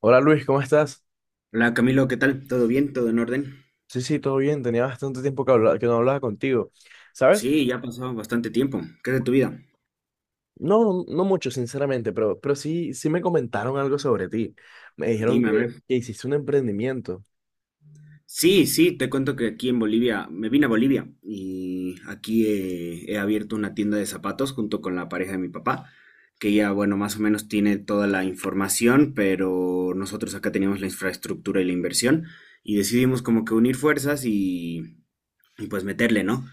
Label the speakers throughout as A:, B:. A: Hola Luis, ¿cómo estás?
B: Hola Camilo, ¿qué tal? ¿Todo bien? ¿Todo en orden?
A: Sí, sí, todo bien. Tenía bastante tiempo que no hablaba contigo. ¿Sabes?
B: Sí, ya ha pasado bastante tiempo. ¿Qué es de tu vida?
A: No, no, no mucho, sinceramente, pero sí, sí me comentaron algo sobre ti. Me dijeron
B: Dime,
A: que,
B: a ver.
A: que hiciste un emprendimiento.
B: Sí, sí, te cuento que aquí en Bolivia, me vine a Bolivia y aquí he abierto una tienda de zapatos junto con la pareja de mi papá, que ya, bueno, más o menos tiene toda la información, pero nosotros acá teníamos la infraestructura y la inversión y decidimos como que unir fuerzas y pues meterle, ¿no?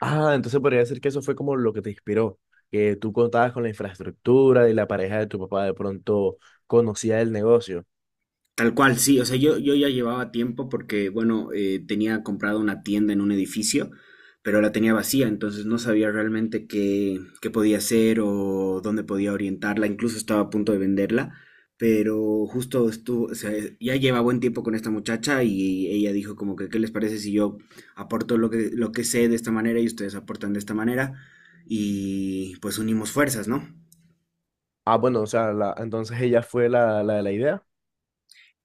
A: Ah, entonces podría decir que eso fue como lo que te inspiró, que tú contabas con la infraestructura y la pareja de tu papá de pronto conocía el negocio.
B: Tal cual, sí, o sea, yo ya llevaba tiempo porque, bueno, tenía comprado una tienda en un edificio, pero la tenía vacía, entonces no sabía realmente qué podía hacer o dónde podía orientarla, incluso estaba a punto de venderla, pero justo estuvo, o sea, ya lleva buen tiempo con esta muchacha y ella dijo como que, ¿qué les parece si yo aporto lo que sé de esta manera y ustedes aportan de esta manera? Y pues unimos fuerzas, ¿no?
A: Ah, bueno, o sea, entonces ella fue la de la idea.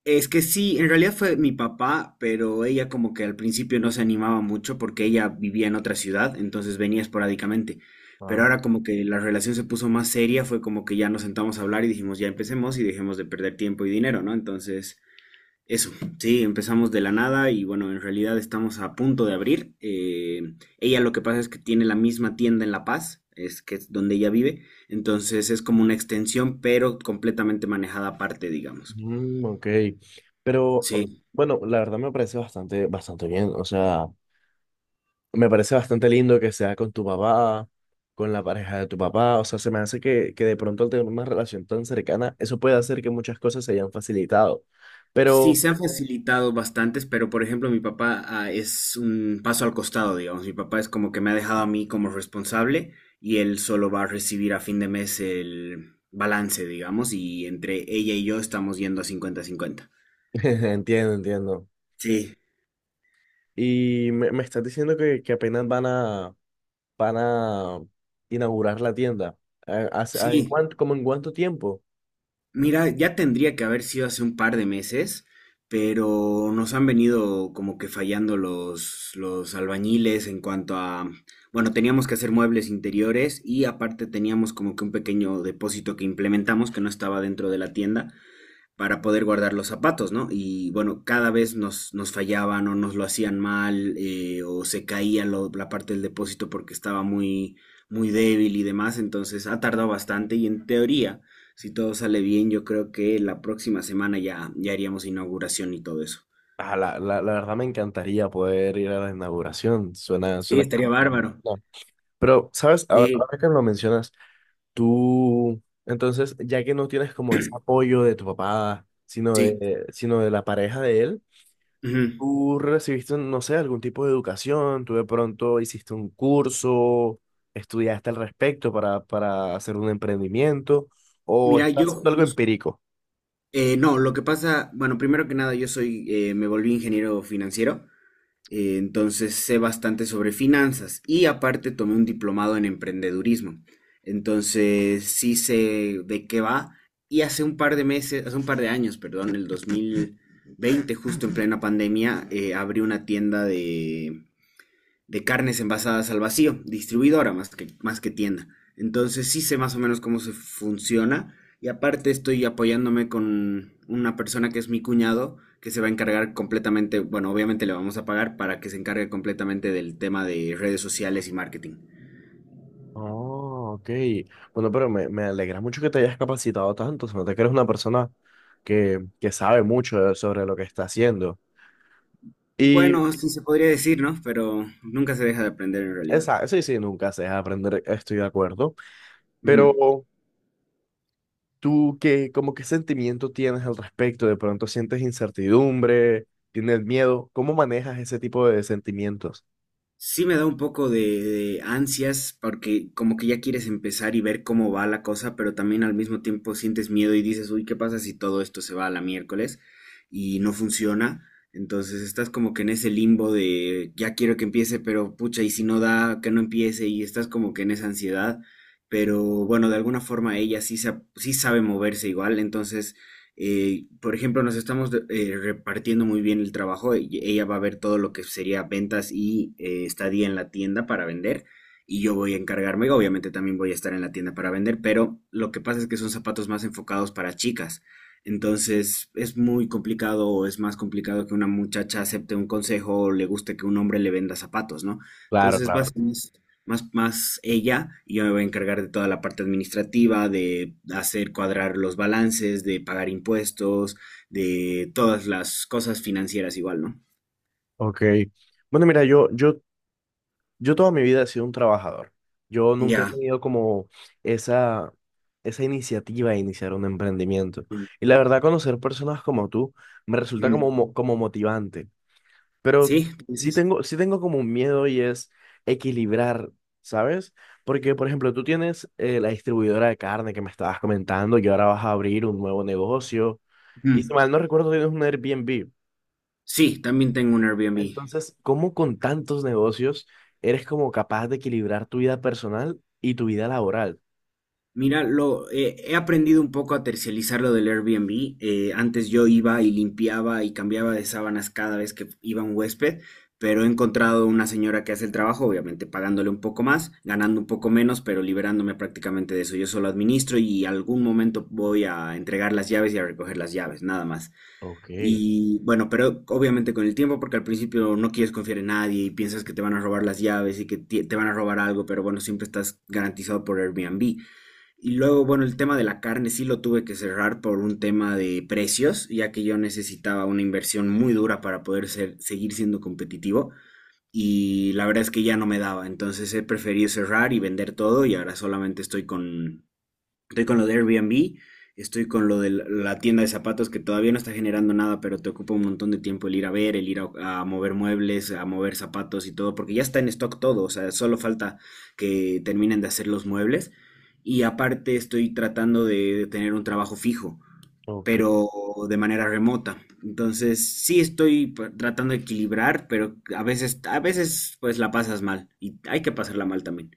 B: Es que sí, en realidad fue mi papá, pero ella como que al principio no se animaba mucho porque ella vivía en otra ciudad, entonces venía esporádicamente. Pero
A: Ah,
B: ahora como que la relación se puso más seria, fue como que ya nos sentamos a hablar y dijimos ya empecemos y dejemos de perder tiempo y dinero, ¿no? Entonces, eso, sí, empezamos de la nada y bueno, en realidad estamos a punto de abrir. Ella lo que pasa es que tiene la misma tienda en La Paz, es que es donde ella vive, entonces es como una extensión, pero completamente manejada aparte, digamos.
A: mm, ok. Pero
B: Sí.
A: bueno, la verdad me parece bastante bien. O sea, me parece bastante lindo que sea con tu papá, con la pareja de tu papá. O sea, se me hace que de pronto al tener una relación tan cercana, eso puede hacer que muchas cosas se hayan facilitado.
B: Sí,
A: Pero
B: se han facilitado bastantes, pero por ejemplo, mi papá es un paso al costado, digamos. Mi papá es como que me ha dejado a mí como responsable y él solo va a recibir a fin de mes el balance, digamos, y entre ella y yo estamos yendo a cincuenta-cincuenta.
A: entiendo, entiendo.
B: Sí,
A: Y me estás diciendo que apenas van van a inaugurar la tienda. ¿En
B: sí.
A: cuánto, como en cuánto tiempo?
B: Mira, ya tendría que haber sido hace un par de meses, pero nos han venido como que fallando los albañiles en cuanto a, bueno, teníamos que hacer muebles interiores y aparte teníamos como que un pequeño depósito que implementamos que no estaba dentro de la tienda para poder guardar los zapatos, ¿no? Y bueno, cada vez nos fallaban o nos lo hacían mal o se caía la parte del depósito porque estaba muy débil y demás, entonces ha tardado bastante y en teoría, si todo sale bien, yo creo que la próxima semana ya, ya haríamos inauguración y todo eso.
A: Ah, la verdad me encantaría poder ir a la inauguración. Suena,
B: Sí,
A: suena
B: estaría
A: como plan.
B: bárbaro.
A: No. Pero, ¿sabes?
B: Sí,
A: Ahora que lo mencionas. Tú, entonces, ya que no tienes como ese apoyo de tu papá,
B: sí.
A: sino de la pareja de él,
B: Ujú.
A: tú recibiste, no sé, algún tipo de educación, tú de pronto hiciste un curso, estudiaste al respecto para hacer un emprendimiento, o
B: Mira, yo
A: estás haciendo algo
B: jus-
A: empírico.
B: no, lo que pasa, bueno, primero que nada, yo soy, me volví ingeniero financiero. Entonces sé bastante sobre finanzas y aparte tomé un diplomado en emprendedurismo. Entonces sí sé de qué va y hace un par de meses, hace un par de años, perdón, el 2020, justo en plena pandemia, abrí una tienda de carnes envasadas al vacío, distribuidora más que tienda. Entonces sí sé más o menos cómo se funciona y aparte estoy apoyándome con una persona que es mi cuñado que se va a encargar completamente, bueno, obviamente le vamos a pagar para que se encargue completamente del tema de redes sociales y marketing.
A: Oh, ok. Bueno, pero me alegra mucho que te hayas capacitado tanto. Se nota que eres una persona que sabe mucho sobre lo que está haciendo. Y
B: Bueno, sí se podría decir, ¿no? Pero nunca se deja de aprender en realidad.
A: esa, sí, sí, nunca se deja aprender, estoy de acuerdo.
B: Ujú.
A: Pero tú, ¿qué, como qué sentimiento tienes al respecto? ¿De pronto sientes incertidumbre? ¿Tienes miedo? ¿Cómo manejas ese tipo de sentimientos?
B: Sí me da un poco de ansias porque como que ya quieres empezar y ver cómo va la cosa, pero también al mismo tiempo sientes miedo y dices, uy, ¿qué pasa si todo esto se va a la miércoles y no funciona? Entonces estás como que en ese limbo de ya quiero que empiece, pero pucha, y si no da, que no empiece y estás como que en esa ansiedad, pero bueno, de alguna forma ella sí, sí sabe moverse igual, entonces por ejemplo, nos estamos repartiendo muy bien el trabajo. Ella va a ver todo lo que sería ventas y estadía en la tienda para vender. Y yo voy a encargarme, obviamente también voy a estar en la tienda para vender, pero lo que pasa es que son zapatos más enfocados para chicas. Entonces es muy complicado o es más complicado que una muchacha acepte un consejo o le guste que un hombre le venda zapatos, ¿no?
A: Claro,
B: Entonces va a ser
A: claro.
B: más ella, y yo me voy a encargar de toda la parte administrativa, de hacer cuadrar los balances, de pagar impuestos, de todas las cosas financieras igual, ¿no?
A: Ok. Bueno, mira, yo toda mi vida he sido un trabajador. Yo nunca he
B: Ya.
A: tenido como esa, esa iniciativa de iniciar un emprendimiento.
B: Mm,
A: Y la
B: mm,
A: verdad, conocer personas como tú me resulta
B: mm.
A: como, como motivante. Pero
B: ¿Sí? ¿Tú dices?
A: sí tengo como un miedo y es equilibrar, ¿sabes? Porque, por ejemplo, tú tienes la distribuidora de carne que me estabas comentando y ahora vas a abrir un nuevo negocio. Y si
B: Mm.
A: mal no recuerdo, tienes un Airbnb.
B: Sí, también tengo un Airbnb.
A: Entonces, ¿cómo con tantos negocios eres como capaz de equilibrar tu vida personal y tu vida laboral?
B: He aprendido un poco a tercializar lo del Airbnb. Antes yo iba y limpiaba y cambiaba de sábanas cada vez que iba un huésped, pero he encontrado una señora que hace el trabajo, obviamente pagándole un poco más, ganando un poco menos, pero liberándome prácticamente de eso. Yo solo administro y algún momento voy a entregar las llaves y a recoger las llaves, nada más.
A: Ok,
B: Y bueno, pero obviamente con el tiempo, porque al principio no quieres confiar en nadie y piensas que te van a robar las llaves y que te van a robar algo, pero bueno, siempre estás garantizado por Airbnb. Y luego, bueno, el tema de la carne sí lo tuve que cerrar por un tema de precios, ya que yo necesitaba una inversión muy dura para poder seguir siendo competitivo. Y la verdad es que ya no me daba, entonces he preferido cerrar y vender todo y ahora solamente estoy con. Estoy con lo de Airbnb, estoy con lo de la la tienda de zapatos que todavía no está generando nada, pero te ocupa un montón de tiempo el ir a ver, el ir a mover muebles, a mover zapatos y todo, porque ya está en stock todo, o sea, solo falta que terminen de hacer los muebles. Y aparte estoy tratando de tener un trabajo fijo,
A: ok.
B: pero de manera remota. Entonces, sí estoy tratando de equilibrar, pero a veces pues la pasas mal y hay que pasarla mal también.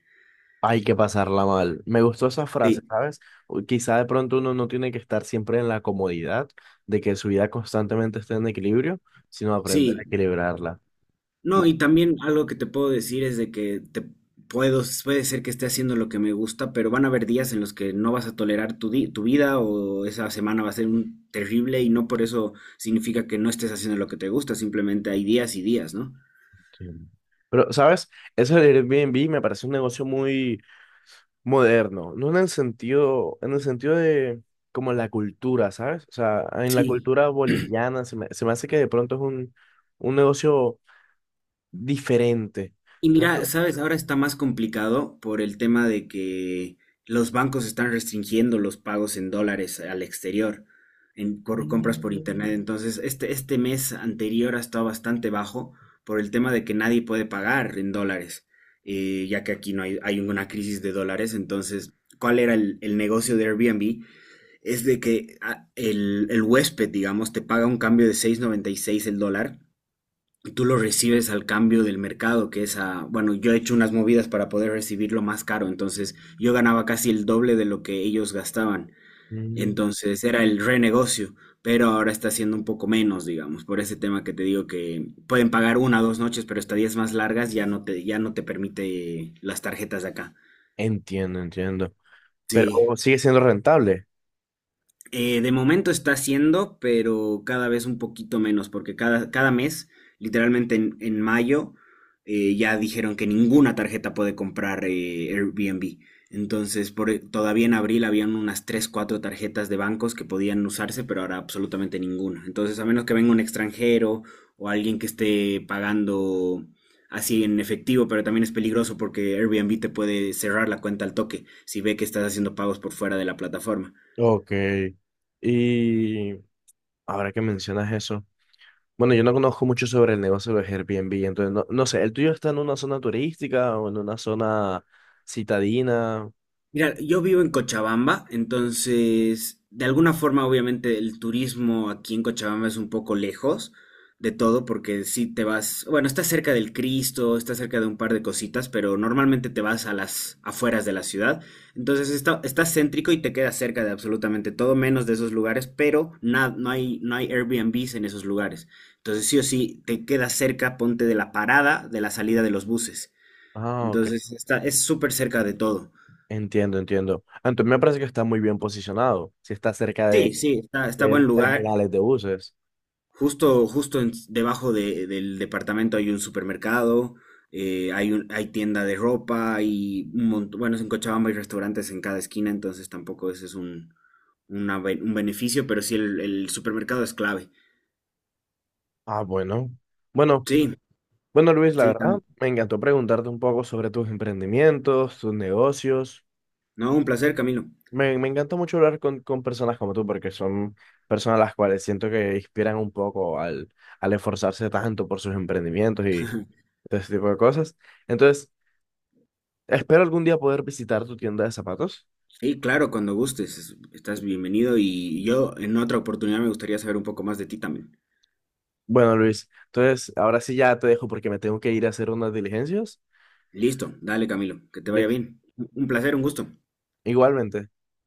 A: Hay que pasarla mal. Me gustó esa frase,
B: Sí,
A: ¿sabes? O quizá de pronto uno no tiene que estar siempre en la comodidad de que su vida constantemente esté en equilibrio, sino aprender a
B: sí.
A: equilibrarla.
B: No,
A: Ma-
B: y también algo que te puedo decir es de que puede ser que esté haciendo lo que me gusta, pero van a haber días en los que no vas a tolerar tu, tu vida o esa semana va a ser un terrible y no por eso significa que no estés haciendo lo que te gusta, simplemente hay días y días, ¿no?
A: sí. Pero, ¿sabes? Eso del Airbnb me parece un negocio muy moderno, no en el sentido, en el sentido de como la cultura, ¿sabes? O sea, en la
B: Sí.
A: cultura boliviana se me hace que de pronto es un negocio diferente.
B: Y mira,
A: Entonces,
B: sabes, ahora está más complicado por el tema de que los bancos están restringiendo los pagos en dólares al exterior, en por compras por internet.
A: mm,
B: Entonces, este mes anterior ha estado bastante bajo por el tema de que nadie puede pagar en dólares, ya que aquí no hay, hay una crisis de dólares. Entonces, ¿cuál era el negocio de Airbnb? Es de que el huésped, digamos, te paga un cambio de seis noventa y seis el dólar, tú lo recibes al cambio del mercado, que es a, bueno, yo he hecho unas movidas para poder recibirlo más caro, entonces yo ganaba casi el doble de lo que ellos gastaban,
A: mm,
B: entonces era el renegocio, pero ahora está siendo un poco menos, digamos, por ese tema que te digo que pueden pagar una o dos noches, pero estadías más largas ya no te permite las tarjetas de acá.
A: entiendo, entiendo. Pero
B: Sí.
A: sigue siendo rentable.
B: De momento está haciendo, pero cada vez un poquito menos, porque cada, cada mes, literalmente en mayo, ya dijeron que ninguna tarjeta puede comprar Airbnb. Entonces, todavía en abril habían unas 3 4 tarjetas de bancos que podían usarse, pero ahora absolutamente ninguna. Entonces, a menos que venga un extranjero o alguien que esté pagando así en efectivo, pero también es peligroso porque Airbnb te puede cerrar la cuenta al toque si ve que estás haciendo pagos por fuera de la plataforma.
A: Ok. Y ahora que mencionas eso, bueno, yo no conozco mucho sobre el negocio de Airbnb, entonces no, no sé, ¿el tuyo está en una zona turística o en una zona citadina?
B: Mira, yo vivo en Cochabamba, entonces de alguna forma obviamente el turismo aquí en Cochabamba es un poco lejos de todo porque si te vas, bueno, está cerca del Cristo, está cerca de un par de cositas, pero normalmente te vas a las afueras de la ciudad, entonces está, está céntrico y te queda cerca de absolutamente todo menos de esos lugares, pero no hay Airbnbs en esos lugares, entonces sí o sí te queda cerca, ponte de la parada, de la salida de los buses,
A: Ah, ok.
B: entonces está, es súper cerca de todo.
A: Entiendo, entiendo. Ah, entonces me parece que está muy bien posicionado, si está cerca
B: Sí, sí, está, está
A: de
B: buen
A: los
B: lugar.
A: terminales de buses.
B: Justo, justo debajo del departamento hay un supermercado, hay un, hay tienda de ropa, hay un montón, bueno, en Cochabamba hay restaurantes en cada esquina, entonces tampoco ese es un, un beneficio, pero sí el supermercado es clave.
A: Ah, bueno. Bueno,
B: Sí,
A: bueno, Luis, la
B: sí, Cami.
A: verdad, me encantó preguntarte un poco sobre tus emprendimientos, tus negocios.
B: No, un placer, Camilo.
A: Me encanta mucho hablar con personas como tú, porque son personas las cuales siento que inspiran un poco al esforzarse tanto por sus emprendimientos y todo ese tipo de cosas. Entonces, espero algún día poder visitar tu tienda de zapatos.
B: Sí, claro, cuando gustes, estás bienvenido y yo en otra oportunidad me gustaría saber un poco más de ti también.
A: Bueno, Luis, entonces ahora sí ya te dejo porque me tengo que ir a hacer unas diligencias.
B: Listo, dale, Camilo, que te vaya
A: Listo.
B: bien. Un placer, un gusto.
A: Igualmente.